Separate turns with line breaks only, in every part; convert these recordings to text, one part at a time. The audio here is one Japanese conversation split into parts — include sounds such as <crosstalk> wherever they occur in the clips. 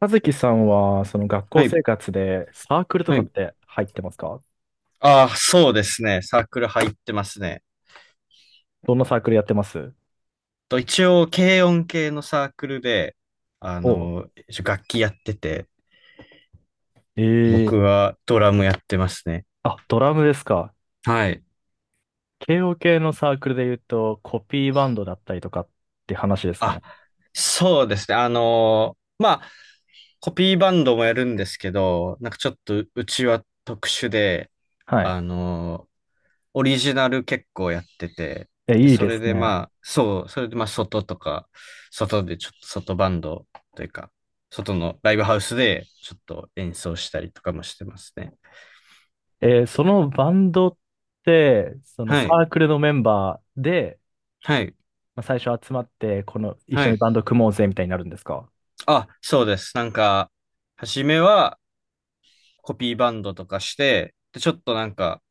和樹さんは、その学校
はい、
生活でサークルと
は
かっ
い。
て入ってますか？
ああ、そうですね。サークル入ってますね。
どんなサークルやってます？
と一応、軽音系のサークルで、あ
おう、
の、一応楽器やってて、
ええ。
僕はドラムやってますね。
あ、ドラムですか。
はい。
慶応系のサークルで言うと、コピーバンドだったりとかって話ですか
あ、
ね。
そうですね。あの、まあ、コピーバンドもやるんですけど、なんかちょっとうちは特殊で、
はい。
あの、オリジナル結構やってて、
え、
で、
いい
そ
で
れ
す
で
ね。
まあ、そう、それでまあ、外とか、外でちょっと外バンドというか、外のライブハウスでちょっと演奏したりとかもしてますね。
そのバンドって、その
は
サ
い、
ークルのメンバーで、
はい、
まあ、最初集まって、この、一
は
緒に
い。
バンド組もうぜみたいになるんですか？
あ、そうです。なんか、初めはコピーバンドとかして、で、ちょっとなんか、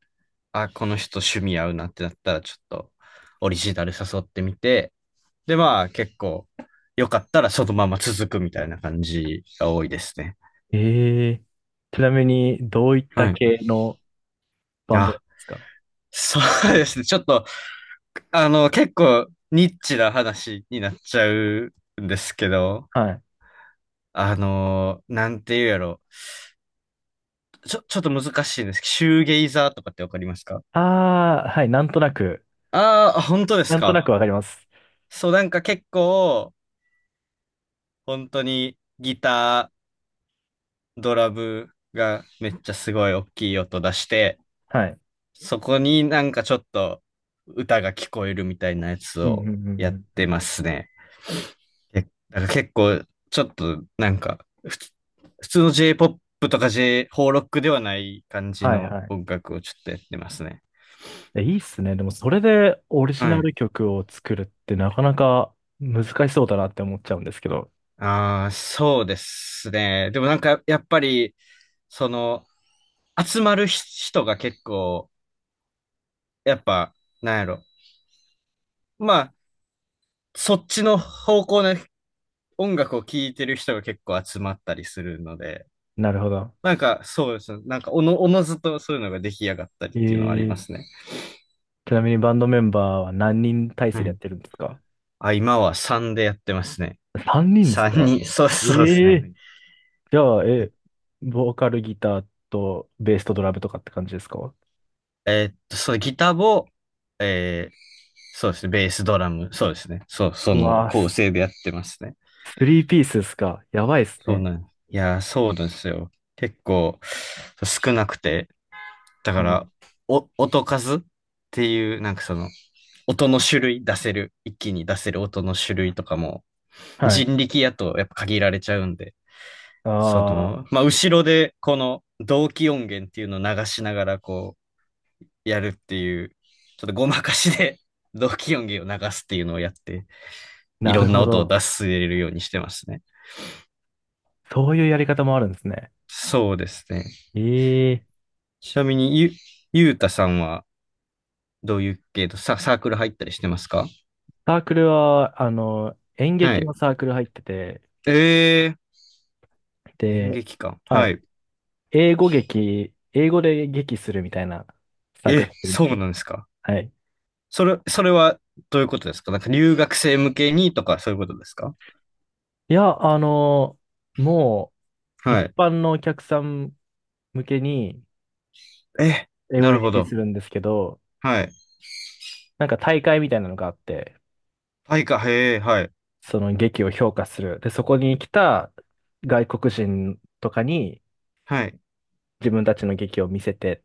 あ、この人趣味合うなってなったら、ちょっとオリジナル誘ってみて、で、まあ、結構、よかったらそのまま続くみたいな感じが多いですね。
ええ。ちなみに、どういった
はい。
系のバンドで
あ、
すか？
そうですね。ちょっと、あの、結構ニッチな話になっちゃうんですけど、
はい。
あの、なんて言うやろ。ちょっと難しいんですけど、シューゲイザーとかってわかりますか？
ああ、はい、なんとなく、
ああー、本当です
なんと
か？
なくわかります。
そう、なんか結構、本当にギター、ドラムがめっちゃすごい大きい音出して、
はい。
そこになんかちょっと歌が聞こえるみたいなやつ
うんうん
を
うん
やっ
うんう
て
ん。
ますね。けだから結構、ちょっと、なんか、普通の J-POP とか J、邦ロックではない感じ
はい
の
はい。
音楽をちょっとやってますね。
え、いいっすね。でも、それでオリジナ
はい。
ル曲を作るってなかなか難しそうだなって思っちゃうんですけど。
ああ、そうですね。でもなんか、やっぱり、その、集まる人が結構、やっぱ、なんやろ。まあ、そっちの方向の音楽を聴いてる人が結構集まったりするので、
なるほど。
なんか、そうですね。なんか、おのずとそういうのが出来上がったりっていうのはありま
ええ。
すね。
ちなみにバンドメンバーは何人体
は
制でやっ
い。
てるんですか
あ、今は3でやってますね。
?3 人です
3
か？
に、<laughs> そう、
え
そうです
え
ね。
ー。じゃあ、え、ボーカルギターとベースとドラムとかって感じですか？
えーっと、そのギターボ、えー、そうですね、ベース、ドラム、そうですね。そう、そ
う
の
わぁ、
構成でやってますね。
スリーピースですか？やばいです
そう
ね。
なんです。いやー、そうなんですよ。結構少なくて、だか
うん。
ら、音数っていう、なんかその、音の種類出せる、一気に出せる音の種類とかも、
はい。
人力やとやっぱ限られちゃうんで、そ
ああ、
の、まあ、後ろでこの同期音源っていうのを流しながら、こう、やるっていう、ちょっとごまかしで <laughs> 同期音源を流すっていうのをやって、い
な
ろ
る
んな
ほ
音を
ど。
出すれるようにしてますね。
そういうやり方もあるんですね。
そうですね。
ええ。
ちなみにゆうたさんはどういう系とサークル入ったりしてますか？
サークルは、演
は
劇
い。
のサークル入ってて、
えー、演
で、
劇か。
は
は
い。
い。
英語劇、英語で劇するみたいなサークル
え、
入ってるんです
そう
よ。
なんですか。
はい。
それ、それはどういうことですか？なんか留学生向けにとかそういうことですか？
いや、もう、
は
一
い。
般のお客さん向けに、
え、
英語
な
で
るほ
劇
ど。
するんですけど、
はい。
なんか大会みたいなのがあって、
はいか、へえ、はい。
その劇を評価する。で、そこに来た外国人とかに
はい。
自分たちの劇を見せて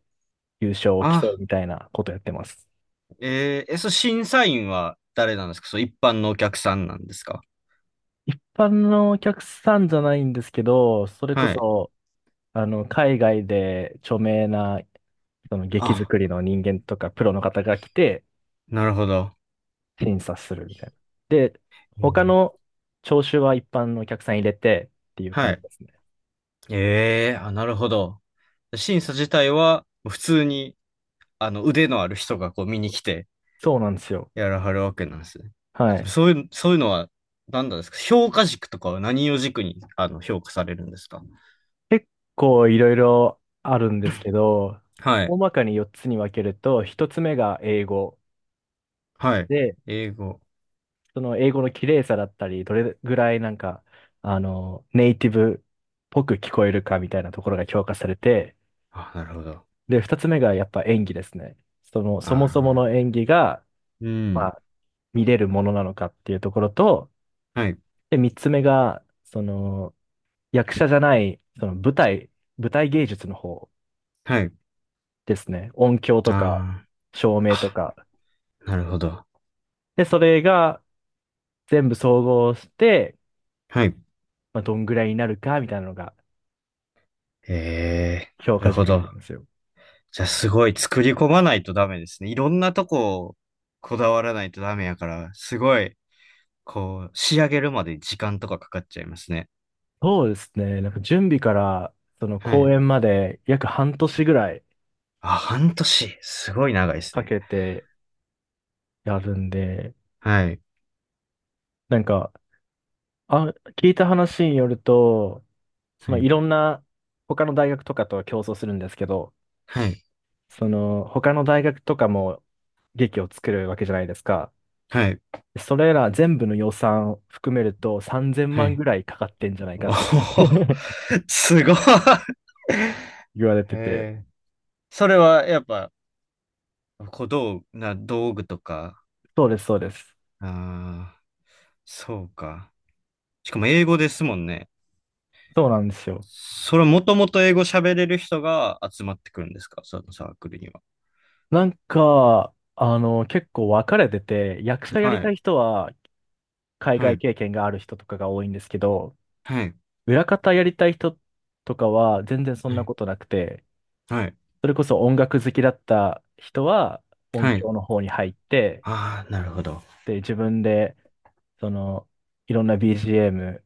優勝を競
あ、
うみたいなことやってます。
えー、え、その審査員は誰なんですか？そう、一般のお客さんなんですか？
一般のお客さんじゃないんですけど、それこ
はい。
そ、海外で著名な、その劇
あ、
作りの人間とかプロの方が来て、
なるほど。
審査するみたいな。で、
う
他
ん。
の聴衆は一般のお客さん入れてっていう
は
感じ
い。
ですね。
ええ、あ、なるほど。審査自体は、普通に、あの、腕のある人がこう見に来て、
そうなんですよ。
やらはるわけなんですね。
は
でも
い。
そういう、そういうのは、何なんですか？評価軸とかは何を軸に、あの、評価されるんですか？
結構いろいろあるんですけど、
はい。
大まかに4つに分けると、1つ目が英語
はい。
で、
英語。
その英語の綺麗さだったり、どれぐらいなんか、ネイティブっぽく聞こえるかみたいなところが評価されて、
あ、なるほど。
で、2つ目がやっぱ演技ですね。その、
あ
そもそもの
あ。
演技が、
う
ま
ん。
あ、見れるものなのかっていうところと、
はい。
で、三つ目が、その、役者じゃない、その舞台、舞台芸術の方
はい。
ですね。音響とか、
あ
照明と
あ。
か。
あ、なるほど。
で、それが全部総合して、
はい。
まあ、どんぐらいになるか、みたいなのが
ええ、
評
なる
価
ほ
軸にな
ど。
りますよ。
じゃあすごい作り込まないとダメですね。いろんなとこをこだわらないとダメやから、すごい、こう、仕上げるまで時間とかかかっちゃいますね。
そうですね。なんか準備から、その
は
公
い。
演まで約半年ぐらい
あ、半年。すごい長いです
か
ね。
けてやるんで、
はい。
なんか、あ、聞いた話によると、そ
は
のい
い。
ろんな他の大学とかとは競争するんですけど、
はい。
その、他の大学とかも劇を作るわけじゃないですか。
はい。
それら全部の予算を含めると3000
は
万
い。
ぐらいかかってんじゃないか
お
っていうふ
ほ
う
ほ、
に
すごい。
<laughs> 言われてて。
へえ。それはやっぱ、小道具、道具とか、
そうです、そうです。
ああ、そうか。しかも英語ですもんね。
そうなんですよ。
それもともと英語喋れる人が集まってくるんですか？そのサークルには。
なんか、結構分かれてて、役者やり
は
た
い。
い人は海
は
外
い。
経験がある人とかが多いんですけど、
はい。
裏方やりたい人とかは全然そ
は
んな
い。
ことなくて、
はい。
それこそ音楽好きだった人は音
はい。
響の方に入って、
ああ、なるほど。
で、自分でその、いろんな BGM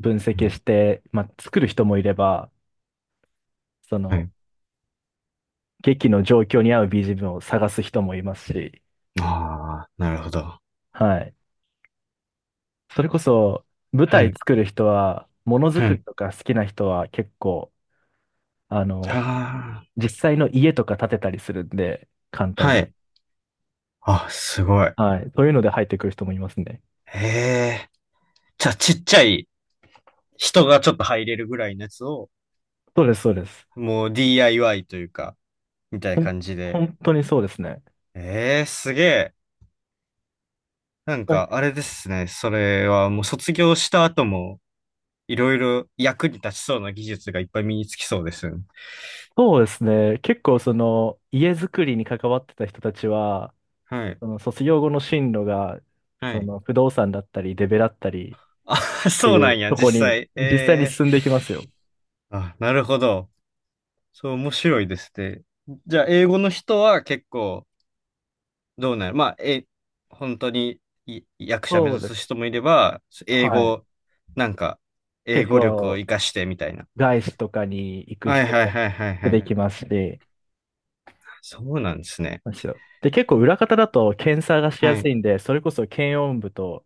分
う
析
ん。
して、まあ、作る人もいれば、そ
は
の、
い。
劇の状況に合う BGM を探す人もいますし、
ああ、なるほど。
はい。それこそ、舞
は
台
い。
作る人は、ものづ
は
くり
い。
とか好きな人は結構、あの、
あ
実際の家とか建てたりするんで、簡
あ、
単
は
に。
い。あ、すごい。
はい。そういうので入ってくる人もいますね。
ええ。じゃあ、ちっちゃい人がちょっと入れるぐらいのやつを、
そうです、そうです。
もう DIY というか、みたい
ほ
な
ん
感じで。
本当にそうですね。
ええ、すげえ。なん
はい。
か、あれですね。それはもう卒業した後も、いろいろ役に立ちそうな技術がいっぱい身につきそうですね。
そうですね。結構その家づくりに関わってた人たちは、
はい。
その卒業後の進路が、
は
そ
い。
の不動産だったり、デベだったりっ
あ、<laughs>
て
そう
い
なん
う
や、
とこ
実
に
際。
実際に
ええ、
進んでいきますよ。
あ、なるほど。そう、面白いですね。じゃあ、英語の人は結構、どうなる、まあ、え、本当にい役者目
そう
指
で
す
す。
人もいれば、英
はい。
語、なんか、英
結
語力を
構、
活かしてみたいな。
外資とかに行く
はい
人
はい
が
はいはい
出
はい。
てきますし、
そうなんですね。
むしろで、結構裏方だと検査がしや
は
す
い。
いんで、それこそ検温部と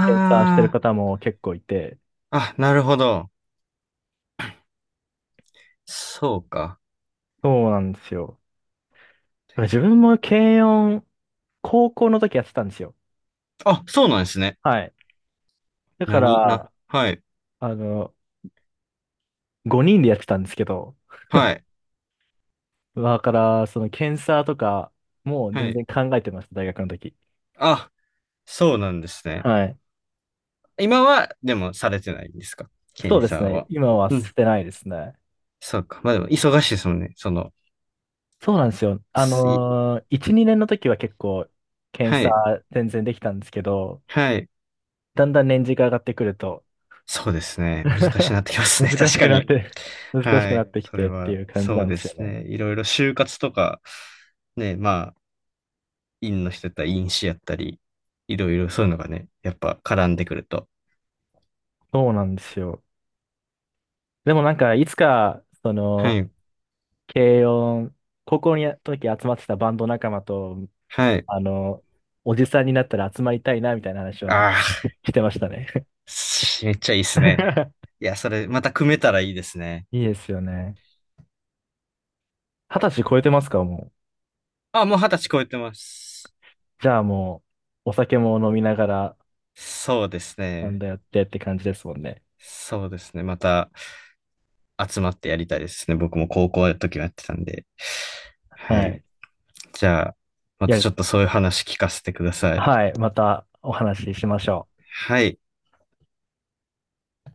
検査してる方も結構いて、
あ、あ、なるほど。そうか。
そうなんですよ。だから自分も検温、高校の時やってたんですよ。
あ、そうなんですね。
はい。だか
何な、
ら、
はい、
あの、5人でやってたんですけど、
はい、
だから、その検査とかもう
は
全
い。
然考えてました、大学の時。
あ、そうなんですね。
はい。
今は、でも、されてないんですか？
そう
検
です
査
ね。
は。
今は
う
捨
ん、
てないですね。
そうか。まあでも、忙しいですもんね。その、
そうなんですよ。
すい、
1、2年の時は結構検
は
査
い、
全然できたんですけど、
はい。
だんだん年次が上がってくると
そうですね。
<laughs>
難しいなってきますね。<laughs>
難
確
し
か
くなっ
に。
て、<laughs> 難しく
は
なっ
い。
てき
それ
てって
は、
いう感じ
そ
な
う
んで
で
すよ
す
ね。
ね。いろいろ就活とか、ね、まあ、院の人やったら院士やったり、いろいろそういうのがね、やっぱ絡んでくると。
そうなんですよ。でもなんか、いつか、そ
は
の、
い。
軽音、高校に時集まってたバンド仲間と
はい。
あの、おじさんになったら集まりたいな、みたいな話は
ああ、
してましたね。
しめっちゃいいっすね。
<laughs>
いや、それ、また組めたらいいですね。
いいですよね。二十歳超えてますか、もう？
あ、もう二十歳超えてます。
じゃあもう、お酒も飲みながら、
そうです
なん
ね。
だやってって感じですもんね。
そうですね。また集まってやりたいですね。僕も高校の時はやってたんで。は
は
い。
い。
じゃあ、ま
い
た
や、
ちょっとそういう話聞かせてください。
はい。またお話ししましょう。
はい。